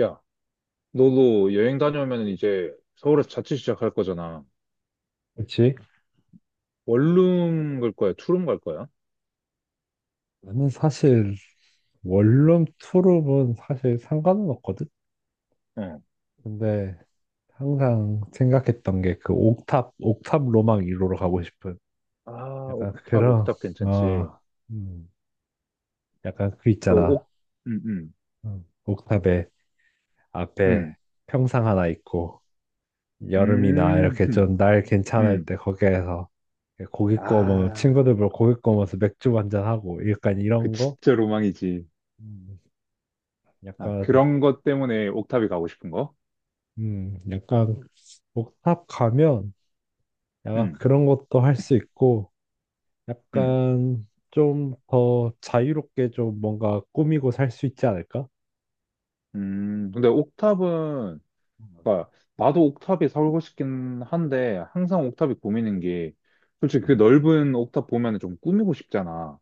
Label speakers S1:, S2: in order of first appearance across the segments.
S1: 야, 너도 여행 다녀오면 이제 서울에서 자취 시작할 거잖아.
S2: 그치?
S1: 원룸 갈 거야? 투룸 갈 거야?
S2: 나는 사실 원룸 투룸은 사실 상관은 없거든?
S1: 어.
S2: 근데 항상 생각했던 게 그 옥탑, 옥탑 로망 1호로 가고 싶은
S1: 아,
S2: 약간
S1: 옥탑,
S2: 그런,
S1: 옥탑 괜찮지.
S2: 어, 음, 약간 그
S1: 그
S2: 있잖아.
S1: 옥, 음, 음,
S2: 옥탑에 앞에
S1: 음,
S2: 평상 하나 있고 여름이나
S1: 음,
S2: 이렇게
S1: 음.
S2: 좀 날 괜찮을
S1: 음.
S2: 때 거기에서 고기 구워 먹으면
S1: 아,
S2: 친구들 보러 고기 구워 먹으면서 맥주 한잔하고 약간
S1: 그
S2: 이런 거?
S1: 진짜 로망이지.
S2: 음,
S1: 아,
S2: 약간,
S1: 그런 것 때문에 옥탑이 가고 싶은 거?
S2: 약간 옥탑 가면 약간
S1: 음,
S2: 그런 것도 할 수 있고,
S1: 음,
S2: 약간 좀 더 자유롭게 좀 뭔가 꾸미고 살 수 있지 않을까?
S1: 근데 옥탑은, 그러니까 나도 옥탑에 살고 싶긴 한데, 항상 옥탑이 고민인 게, 솔직히 그
S2: 음,
S1: 넓은 옥탑 보면 좀 꾸미고 싶잖아.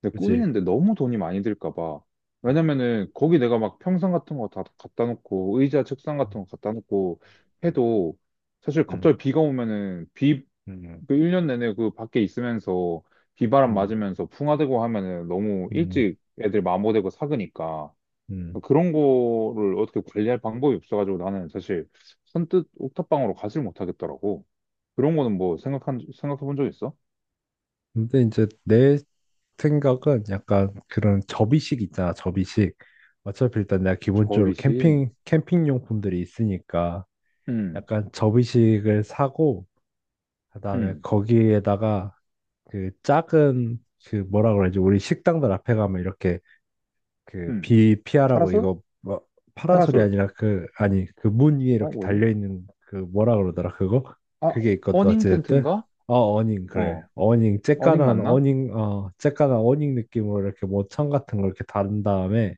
S1: 근데
S2: 그지?
S1: 꾸미는데 너무 돈이 많이 들까 봐.
S2: 음,
S1: 왜냐면은 거기 내가 막 평상 같은 거 다 갖다 놓고 의자 책상 같은 거 갖다 놓고
S2: 음,
S1: 해도 사실
S2: 음,
S1: 갑자기 비가 오면은 비
S2: 음,
S1: 그 1년 내내 그 밖에 있으면서 비바람
S2: 음,
S1: 맞으면서 풍화되고 하면은 너무
S2: 음,
S1: 일찍 애들 마모되고 삭으니까
S2: 음.
S1: 그런 거를 어떻게 관리할 방법이 없어가지고 나는 사실 선뜻 옥탑방으로 가질 못하겠더라고. 그런 거는 뭐 생각한 생각해 본 적 있어?
S2: 근데 이제 내 생각은 약간 그런 접이식 있잖아, 접이식. 어차피 일단 내가 기본적으로
S1: 접이식.
S2: 캠핑 용품들이 있으니까
S1: 응,
S2: 약간 접이식을 사고, 그다음에
S1: 응,
S2: 거기에다가 그 작은 그 뭐라 그러지 우리 식당들 앞에 가면 이렇게 그
S1: 응.
S2: 비 피하라고
S1: 파라솔?
S2: 이거 뭐 파라솔이
S1: 파라솔.
S2: 아니라 그 아니 그 문 위에
S1: 어,
S2: 이렇게
S1: 뭐지?
S2: 달려 있는 그 뭐라 그러더라 그거
S1: 아,
S2: 그게 있거든.
S1: 어닝
S2: 어찌됐든
S1: 텐트인가?
S2: 어닝, 그래
S1: 어,
S2: 어닝,
S1: 어닝
S2: 쬐깐한
S1: 맞나?
S2: 어닝, 쬐깐한 어닝 느낌으로 이렇게 모천 같은 걸 이렇게 다른 다음에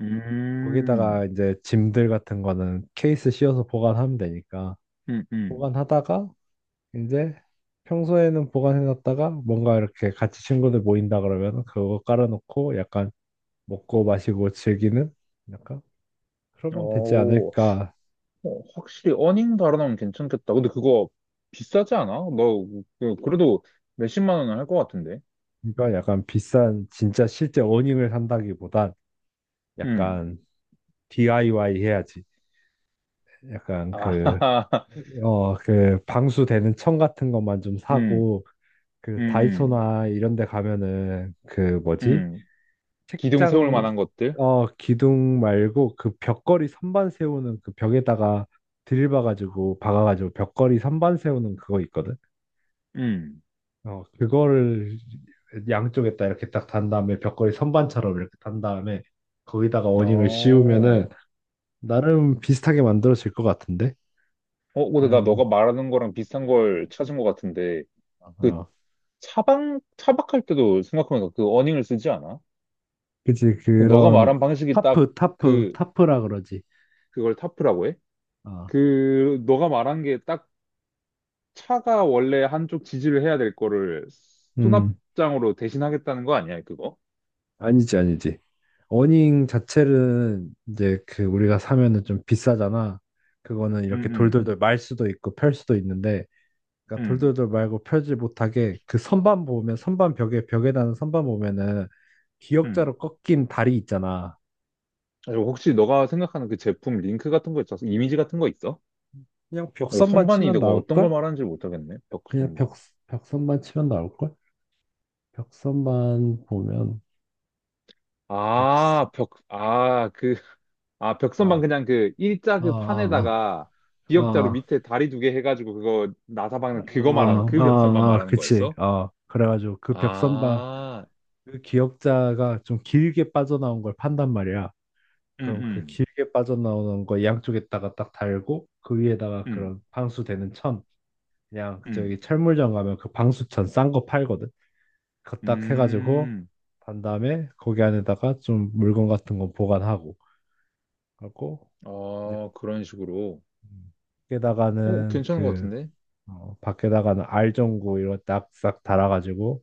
S1: 음,
S2: 거기다가 이제 짐들 같은 거는 케이스 씌워서 보관하면 되니까
S1: 음, 음.
S2: 보관하다가 이제 평소에는 보관해놨다가 뭔가 이렇게 같이 친구들 모인다 그러면 그거 깔아놓고 약간 먹고 마시고 즐기는 약간 그러면 되지
S1: 오,
S2: 않을까.
S1: 어, 확실히 어닝 달아나면 괜찮겠다. 근데 그거 비싸지 않아? 너, 그래도 몇십만 원은 할 것 같은데.
S2: 그러니까 약간 비싼 진짜 실제 어닝을 산다기보단
S1: 음.
S2: 약간 DIY 해야지. 약간 그,
S1: 아,
S2: 그 방수되는 천 같은 것만 좀
S1: 음,
S2: 사고
S1: 음,
S2: 그
S1: 음,
S2: 다이소나 이런 데 가면은 그 뭐지?
S1: 음. 기둥 세울
S2: 책장.
S1: 만한 것들?
S2: 기둥 말고 그 벽걸이 선반 세우는 그 벽에다가 드릴 박아가지고 벽걸이 선반 세우는 그거 있거든.
S1: 음.
S2: 그거를 양쪽에다 이렇게 딱 단 다음에 벽걸이 선반처럼 이렇게 단 다음에 거기다가 어닝을
S1: 어.
S2: 씌우면은 나름 비슷하게 만들어질 것 같은데.
S1: 어, 근데 나 너가
S2: 음,
S1: 말하는 거랑 비슷한 걸
S2: 네.
S1: 찾은 것 같은데. 그
S2: 어,
S1: 차박할 때도 생각하면서 그 어닝을 쓰지 않아?
S2: 그치
S1: 너가
S2: 그런
S1: 말한 방식이 딱
S2: 타프 타프
S1: 그,
S2: 타프라 그러지.
S1: 그걸 타프라고 해?
S2: 어.
S1: 그, 너가 말한 게 딱 차가 원래 한쪽 지지를 해야 될 거를
S2: 음.
S1: 수납장으로 대신하겠다는 거 아니야, 그거?
S2: 아니지, 아니지. 어닝 자체는 이제 그 우리가 사면은 좀 비싸잖아. 그거는
S1: 응,
S2: 이렇게
S1: 응,
S2: 돌돌돌 말 수도 있고 펼 수도 있는데, 그러니까
S1: 응,
S2: 돌돌돌 말고 펴지 못하게 그 선반 보면 선반 벽에 다는 선반 보면은
S1: 응.
S2: 기역자로 꺾인 다리 있잖아.
S1: 혹시 너가 생각하는 그 제품 링크 같은 거 있어서 이미지 같은 거 있어?
S2: 그냥
S1: 어,
S2: 벽선만
S1: 선반이
S2: 치면
S1: 내가 어떤 걸
S2: 나올걸?
S1: 말하는지 못하겠네. 벽
S2: 그냥 벽
S1: 선반.
S2: 벽선만 치면 나올걸? 벽선만 보면 벽선.
S1: 아, 벽, 아, 그, 아, 벽선반
S2: 아,
S1: 그냥 그 일자
S2: 아,
S1: 그
S2: 아,
S1: 판에다가
S2: 아,
S1: 기역자로
S2: 아,
S1: 밑에 다리 두개 해가지고 그거 나사
S2: 아,
S1: 박는 그거 말하는
S2: 아,
S1: 그 벽선반
S2: 아, 아,
S1: 말하는
S2: 그치.
S1: 거였어?
S2: 어, 그래가지고 그 벽선반,
S1: 아,
S2: 그 기역자가 좀 길게 빠져나온 걸 판단 말이야.
S1: 음,
S2: 그럼 그
S1: 음,
S2: 길게 빠져나오는 거 양쪽에다가 딱 달고 그 위에다가
S1: 음,
S2: 그런 방수되는 천, 그냥
S1: 음,
S2: 저기 철물점 가면 그 방수천 싼 거 팔거든. 그거 딱 해가지고
S1: 음.
S2: 단 다음에 거기 안에다가 좀 물건 같은 거 보관하고 하고 이제
S1: 어, 그런 식으로.
S2: 음,
S1: 어,
S2: 밖에다가는
S1: 괜찮은 것
S2: 그
S1: 같은데?
S2: 밖에다가는 알전구 이런 딱싹 달아가지고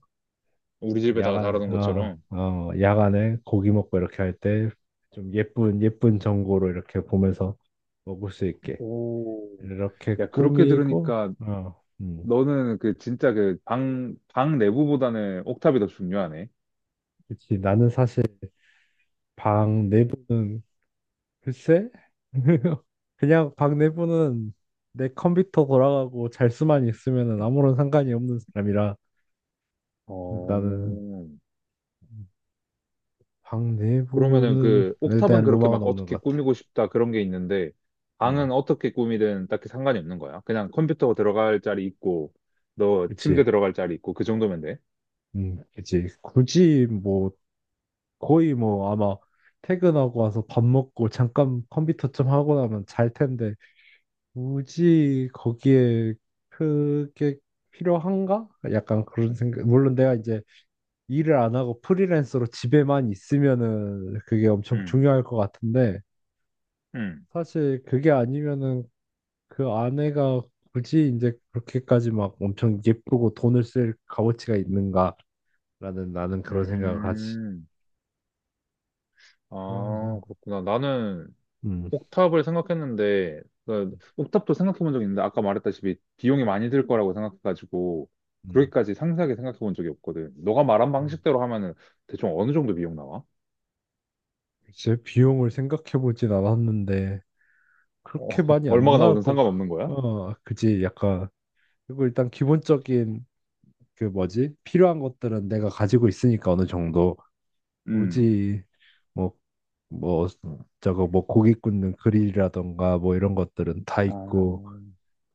S1: 우리 집에다가 달아놓은 것처럼.
S2: 야간에 고기 먹고 이렇게 할 때 좀 예쁜, 예쁜 전골로 이렇게 보면서 먹을 수 있게
S1: 오,
S2: 이렇게
S1: 야, 그렇게
S2: 꾸미고,
S1: 들으니까 너는 그 진짜 그 방 내부보다는 옥탑이 더 중요하네.
S2: 그치. 나는 사실 방 내부는 글쎄, 그냥 방 내부는 내 컴퓨터 돌아가고 잘 수만 있으면은 아무런 상관이 없는 사람이라
S1: 어,
S2: 나는 방
S1: 그러면은
S2: 내부는
S1: 그
S2: 에
S1: 옥탑은
S2: 대한
S1: 그렇게
S2: 로망은
S1: 막
S2: 없는
S1: 어떻게
S2: 것 같아.
S1: 꾸미고 싶다 그런 게 있는데 방은
S2: 어,
S1: 어떻게 꾸미든 딱히 상관이 없는 거야. 그냥 컴퓨터 들어갈 자리 있고 너 침대
S2: 그치.
S1: 들어갈 자리 있고 그 정도면 돼.
S2: 그치. 굳이 뭐 거의 뭐 아마 퇴근하고 와서 밥 먹고 잠깐 컴퓨터 좀 하고 나면 잘 텐데 굳이 거기에 그게 필요한가? 약간 그런 생각. 물론 내가 이제 일을 안 하고 프리랜서로 집에만 있으면은 그게 엄청
S1: 음,
S2: 중요할 것 같은데
S1: 음,
S2: 사실 그게 아니면은 그 아내가 굳이 이제 그렇게까지 막 엄청 예쁘고 돈을 쓸 값어치가 있는가라는, 나는 그런 생각을 하지.
S1: 음. 아,
S2: 그래서
S1: 그렇구나. 나는
S2: 음.
S1: 옥탑을 생각했는데 그
S2: 음.
S1: 옥탑도 생각해 본 적 있는데 아까 말했다시피 비용이 많이 들 거라고 생각해가지고
S2: 음.
S1: 그렇게까지 상세하게 생각해 본 적이 없거든. 너가 말한
S2: 음.
S1: 방식대로 하면은 대충 어느 정도 비용 나와?
S2: 글쎄, 비용을 생각해보진 않았는데,
S1: 어,
S2: 그렇게 많이 안
S1: 얼마가
S2: 나올
S1: 나오든
S2: 것 같,
S1: 상관없는 거야?
S2: 어, 그지, 약간. 그리고 일단 기본적인, 그 뭐지, 필요한 것들은 내가 가지고 있으니까 어느 정도.
S1: 음.
S2: 굳이, 뭐, 뭐, 저거, 뭐, 고기 굽는 그릴이라던가, 뭐, 이런 것들은 다
S1: 아,
S2: 있고,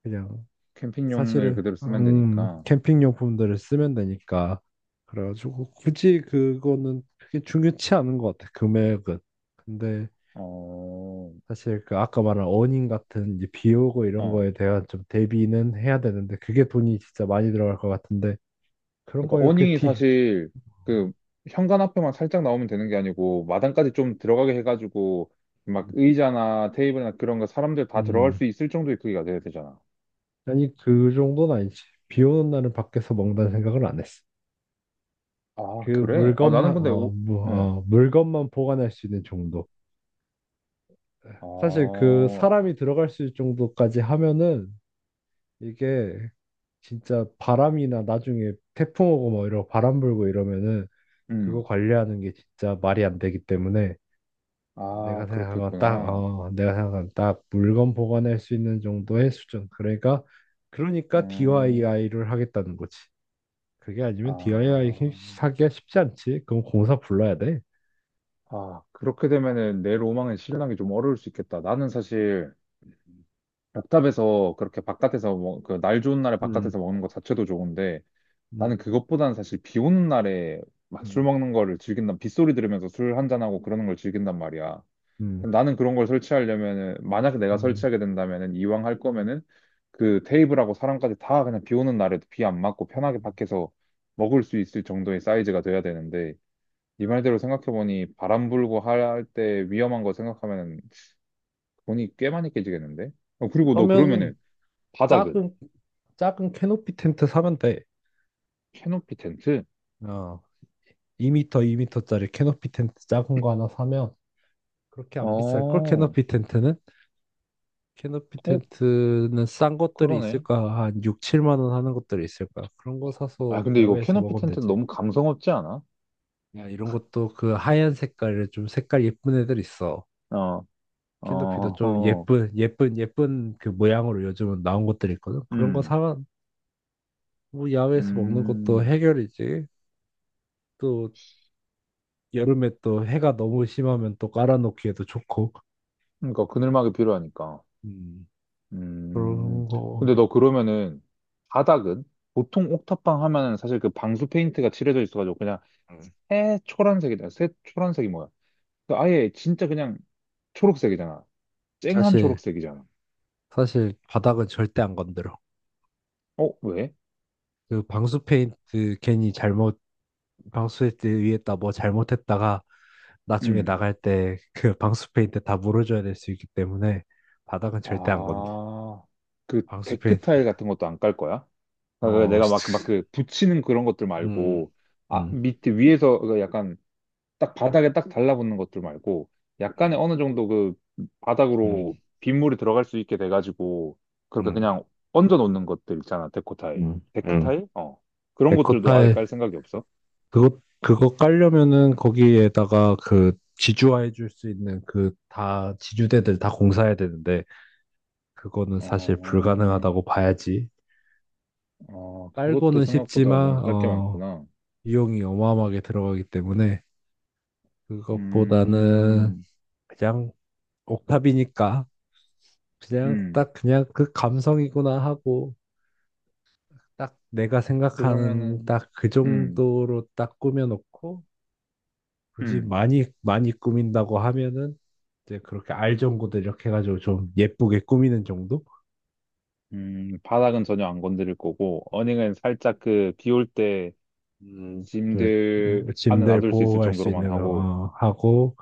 S2: 그냥,
S1: 캠핑용을
S2: 사실은,
S1: 그대로 쓰면 되니까.
S2: 캠핑 용품들을 쓰면 되니까. 그래가지고, 굳이 그거는 크게 중요치 않은 것 같아, 금액은. 근데,
S1: 어,
S2: 사실 그 아까 말한 어닝 같은 이제 비 오고 이런
S1: 어.
S2: 거에 대한 좀 대비는 해야 되는데 그게 돈이 진짜 많이 들어갈 것 같은데 그런
S1: 그러니까
S2: 거 이렇게
S1: 어닝이
S2: 뒤
S1: 사실 그 현관 앞에만 살짝 나오면 되는 게 아니고 마당까지 좀 들어가게 해가지고 막 의자나 테이블이나 그런 거 사람들 다 들어갈
S2: 음.
S1: 수 있을 정도의 크기가 돼야 되잖아.
S2: 아니 그 정도는 아니지. 비 오는 날은 밖에서 먹는다는 생각을 안 했어.
S1: 아,
S2: 그
S1: 그래? 아, 나는
S2: 물건만
S1: 근데 오, 어.
S2: 물건만 보관할 수 있는 정도. 사실 그
S1: 아,
S2: 사람이 들어갈 수 있을 정도까지 하면은 이게 진짜 바람이나 나중에 태풍 오고 뭐 이러고 바람 불고 이러면은 그거
S1: 음.
S2: 관리하는 게 진짜 말이 안 되기 때문에
S1: 아, 그렇겠구나.
S2: 내가 생각한 딱 물건 보관할 수 있는 정도의 수준. 그러니까, 그러니까
S1: 음.
S2: DIY를 하겠다는 거지. 그게 아니면
S1: 아,
S2: DIY 하기가 쉽지 않지. 그럼 공사 불러야 돼.
S1: 아, 그렇게 되면은 내 로망은 실현하기 좀 어려울 수 있겠다. 나는 사실 벽탑에서 그렇게 바깥에서 먹, 그날 좋은 날에
S2: 음,
S1: 바깥에서 먹는 것 자체도 좋은데 나는
S2: 음,
S1: 그것보다는 사실 비 오는 날에 막 술
S2: 음,
S1: 먹는 거를 즐긴다 빗소리 들으면서 술 한 잔하고 그러는 걸 즐긴단 말이야.
S2: 음,
S1: 근데 나는 그런 걸 설치하려면은 만약에 내가
S2: 음.
S1: 설치하게 된다면은 이왕 할 거면은 그 테이블하고 사람까지 다 그냥 비 오는 날에도 비 안 맞고 편하게 밖에서 먹을 수 있을 정도의 사이즈가 돼야 되는데 네 말대로 생각해보니 바람 불고 할 때 위험한 거 생각하면 돈이 꽤 많이 깨지겠는데? 어, 그리고 너
S2: 그러면
S1: 그러면은 바닥은?
S2: 작은 작은 캐노피 텐트 사면 돼.
S1: 캐노피 텐트?
S2: 어, 2m, 2m짜리 캐노피 텐트 작은 거 하나 사면 그렇게
S1: 어,
S2: 안 비쌀 걸.
S1: 어,
S2: 캐노피 텐트는? 캐노피 텐트는 싼 것들이
S1: 그러네.
S2: 있을까? 한 6, 7만 원 하는 것들이 있을까? 그런 거
S1: 아,
S2: 사서
S1: 근데 이거
S2: 야외에서
S1: 캐노피
S2: 먹으면
S1: 텐트
S2: 되지.
S1: 너무 감성 없지 않아?
S2: 야, 이런 것도 그 하얀 색깔을, 좀 색깔 예쁜 애들 있어.
S1: 어, 어,
S2: 캐노피도 좀
S1: 어,
S2: 예쁜, 예쁜, 예쁜 그 모양으로 요즘은 나온 것들이 있거든. 그런 거
S1: 음,
S2: 사, 뭐 야외에서 먹는 것도
S1: 음.
S2: 해결이지. 또 여름에 또 해가 너무 심하면 또 깔아놓기에도 좋고.
S1: 그러니까 그늘막이 필요하니까.
S2: 음,
S1: 음.
S2: 그런 거.
S1: 근데 너 그러면은 바닥은? 보통 옥탑방 하면은 사실 그 방수 페인트가 칠해져 있어가지고 그냥
S2: 음.
S1: 새 초란색이다. 새 초란색이 뭐야? 그 아예 진짜 그냥 초록색이잖아. 쨍한
S2: 사실,
S1: 초록색이잖아.
S2: 사실 바닥은 절대 안 건드려.
S1: 어, 왜?
S2: 그 방수 페인트 괜히 잘못, 방수 페인트 위에다 뭐 잘못했다가 나중에
S1: 음.
S2: 나갈 때 그 방수 페인트 다 물어줘야 될 수 있기 때문에 바닥은 절대 안 건드.
S1: 아, 그
S2: 방수
S1: 데크
S2: 페인트
S1: 타일 같은 것도 안 깔 거야? 그러니까 내가 막,
S2: 시-
S1: 붙이는 그런 것들
S2: 음,
S1: 말고, 아,
S2: 음,
S1: 밑에, 위에서 그 약간 딱 바닥에 딱 달라붙는 것들 말고, 약간의
S2: 음,
S1: 어느 정도 그
S2: 음,
S1: 바닥으로 빗물이 들어갈 수 있게 돼가지고, 그렇게
S2: 음,
S1: 그냥 얹어 놓는 것들 있잖아, 데코 타일.
S2: 음.
S1: 데크
S2: 음.
S1: 타일? 어. 그런 것들도 아예
S2: 에코타일.
S1: 깔 생각이 없어?
S2: 그거 깔려면은 거기에다가 그 지주화해 줄 수 있는 그 다 지주대들 다 공사해야 되는데 그거는 사실
S1: 어,
S2: 불가능하다고 봐야지.
S1: 아, 그것도
S2: 깔고는
S1: 생각보다 뭔가
S2: 쉽지만
S1: 할 게 많구나.
S2: 비용이 어마어마하게 들어가기 때문에 그것보다는
S1: 음,
S2: 그냥 옥탑이니까 그냥
S1: 음.
S2: 딱 그냥 그 감성이구나 하고 딱 내가 생각하는
S1: 그러면은,
S2: 딱 그
S1: 음.
S2: 정도로 딱 꾸며놓고 굳이
S1: 음,
S2: 많이 많이 꾸민다고 하면은 이제 그렇게 알전구도 이렇게 해가지고 좀 예쁘게 꾸미는 정도?
S1: 바닥은 전혀 안 건드릴 거고, 어닝은 살짝 그, 비올 때
S2: 그
S1: 짐들
S2: 뭐,
S1: 안에
S2: 짐들
S1: 놔둘 수 있을
S2: 보호할 수
S1: 정도로만
S2: 있는 거
S1: 하고,
S2: 하고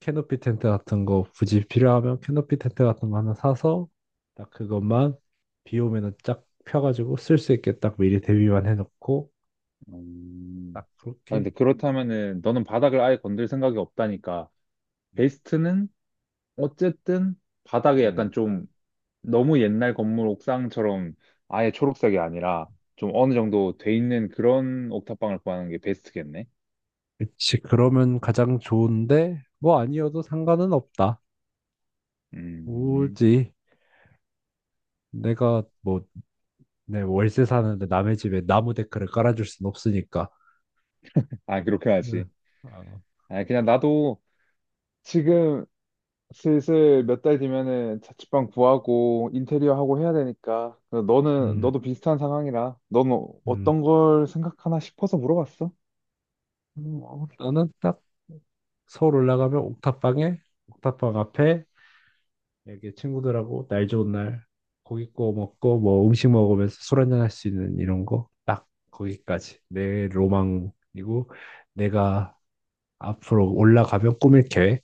S2: 캐노피 텐트 같은 거 굳이 필요하면 캐노피 텐트 같은 거 하나 사서 딱 그것만 비 오면은 쫙 펴가지고 쓸 수 있게 딱 미리 대비만 해놓고
S1: 음,
S2: 딱
S1: 아, 근데
S2: 그렇게
S1: 그렇다면은, 너는 바닥을 아예 건들 생각이 없다니까,
S2: 음.
S1: 베스트는 어쨌든 바닥에
S2: 음.
S1: 약간 좀 너무 옛날 건물 옥상처럼 아예 초록색이 아니라, 좀 어느 정도 돼 있는 그런 옥탑방을 구하는 게 베스트겠네.
S2: 그치. 그러면 가장 좋은데 뭐 아니어도 상관은 없다.
S1: 음,
S2: 오지. 내가 뭐 내 월세 사는데 남의 집에 나무 데크를 깔아줄 순 없으니까.
S1: 아, 그렇게 하지.
S2: 응. 어,
S1: 아, 그냥 나도 지금 슬슬 몇 달 뒤면은 자취방 구하고 인테리어 하고 해야 되니까. 너는,
S2: 음,
S1: 너도 비슷한 상황이라. 넌 어-
S2: 음.
S1: 어떤 걸 생각하나 싶어서 물어봤어.
S2: 어, 나는 딱 서울 올라가면 옥탑방에, 옥탑방 앞에 이렇게 친구들하고 날 좋은 날 고기 구워 먹고 뭐 음식 먹으면서 술 한잔 할 수 있는 이런 거, 딱 거기까지 내 로망이고, 내가 앞으로 올라가면 꾸밀 계획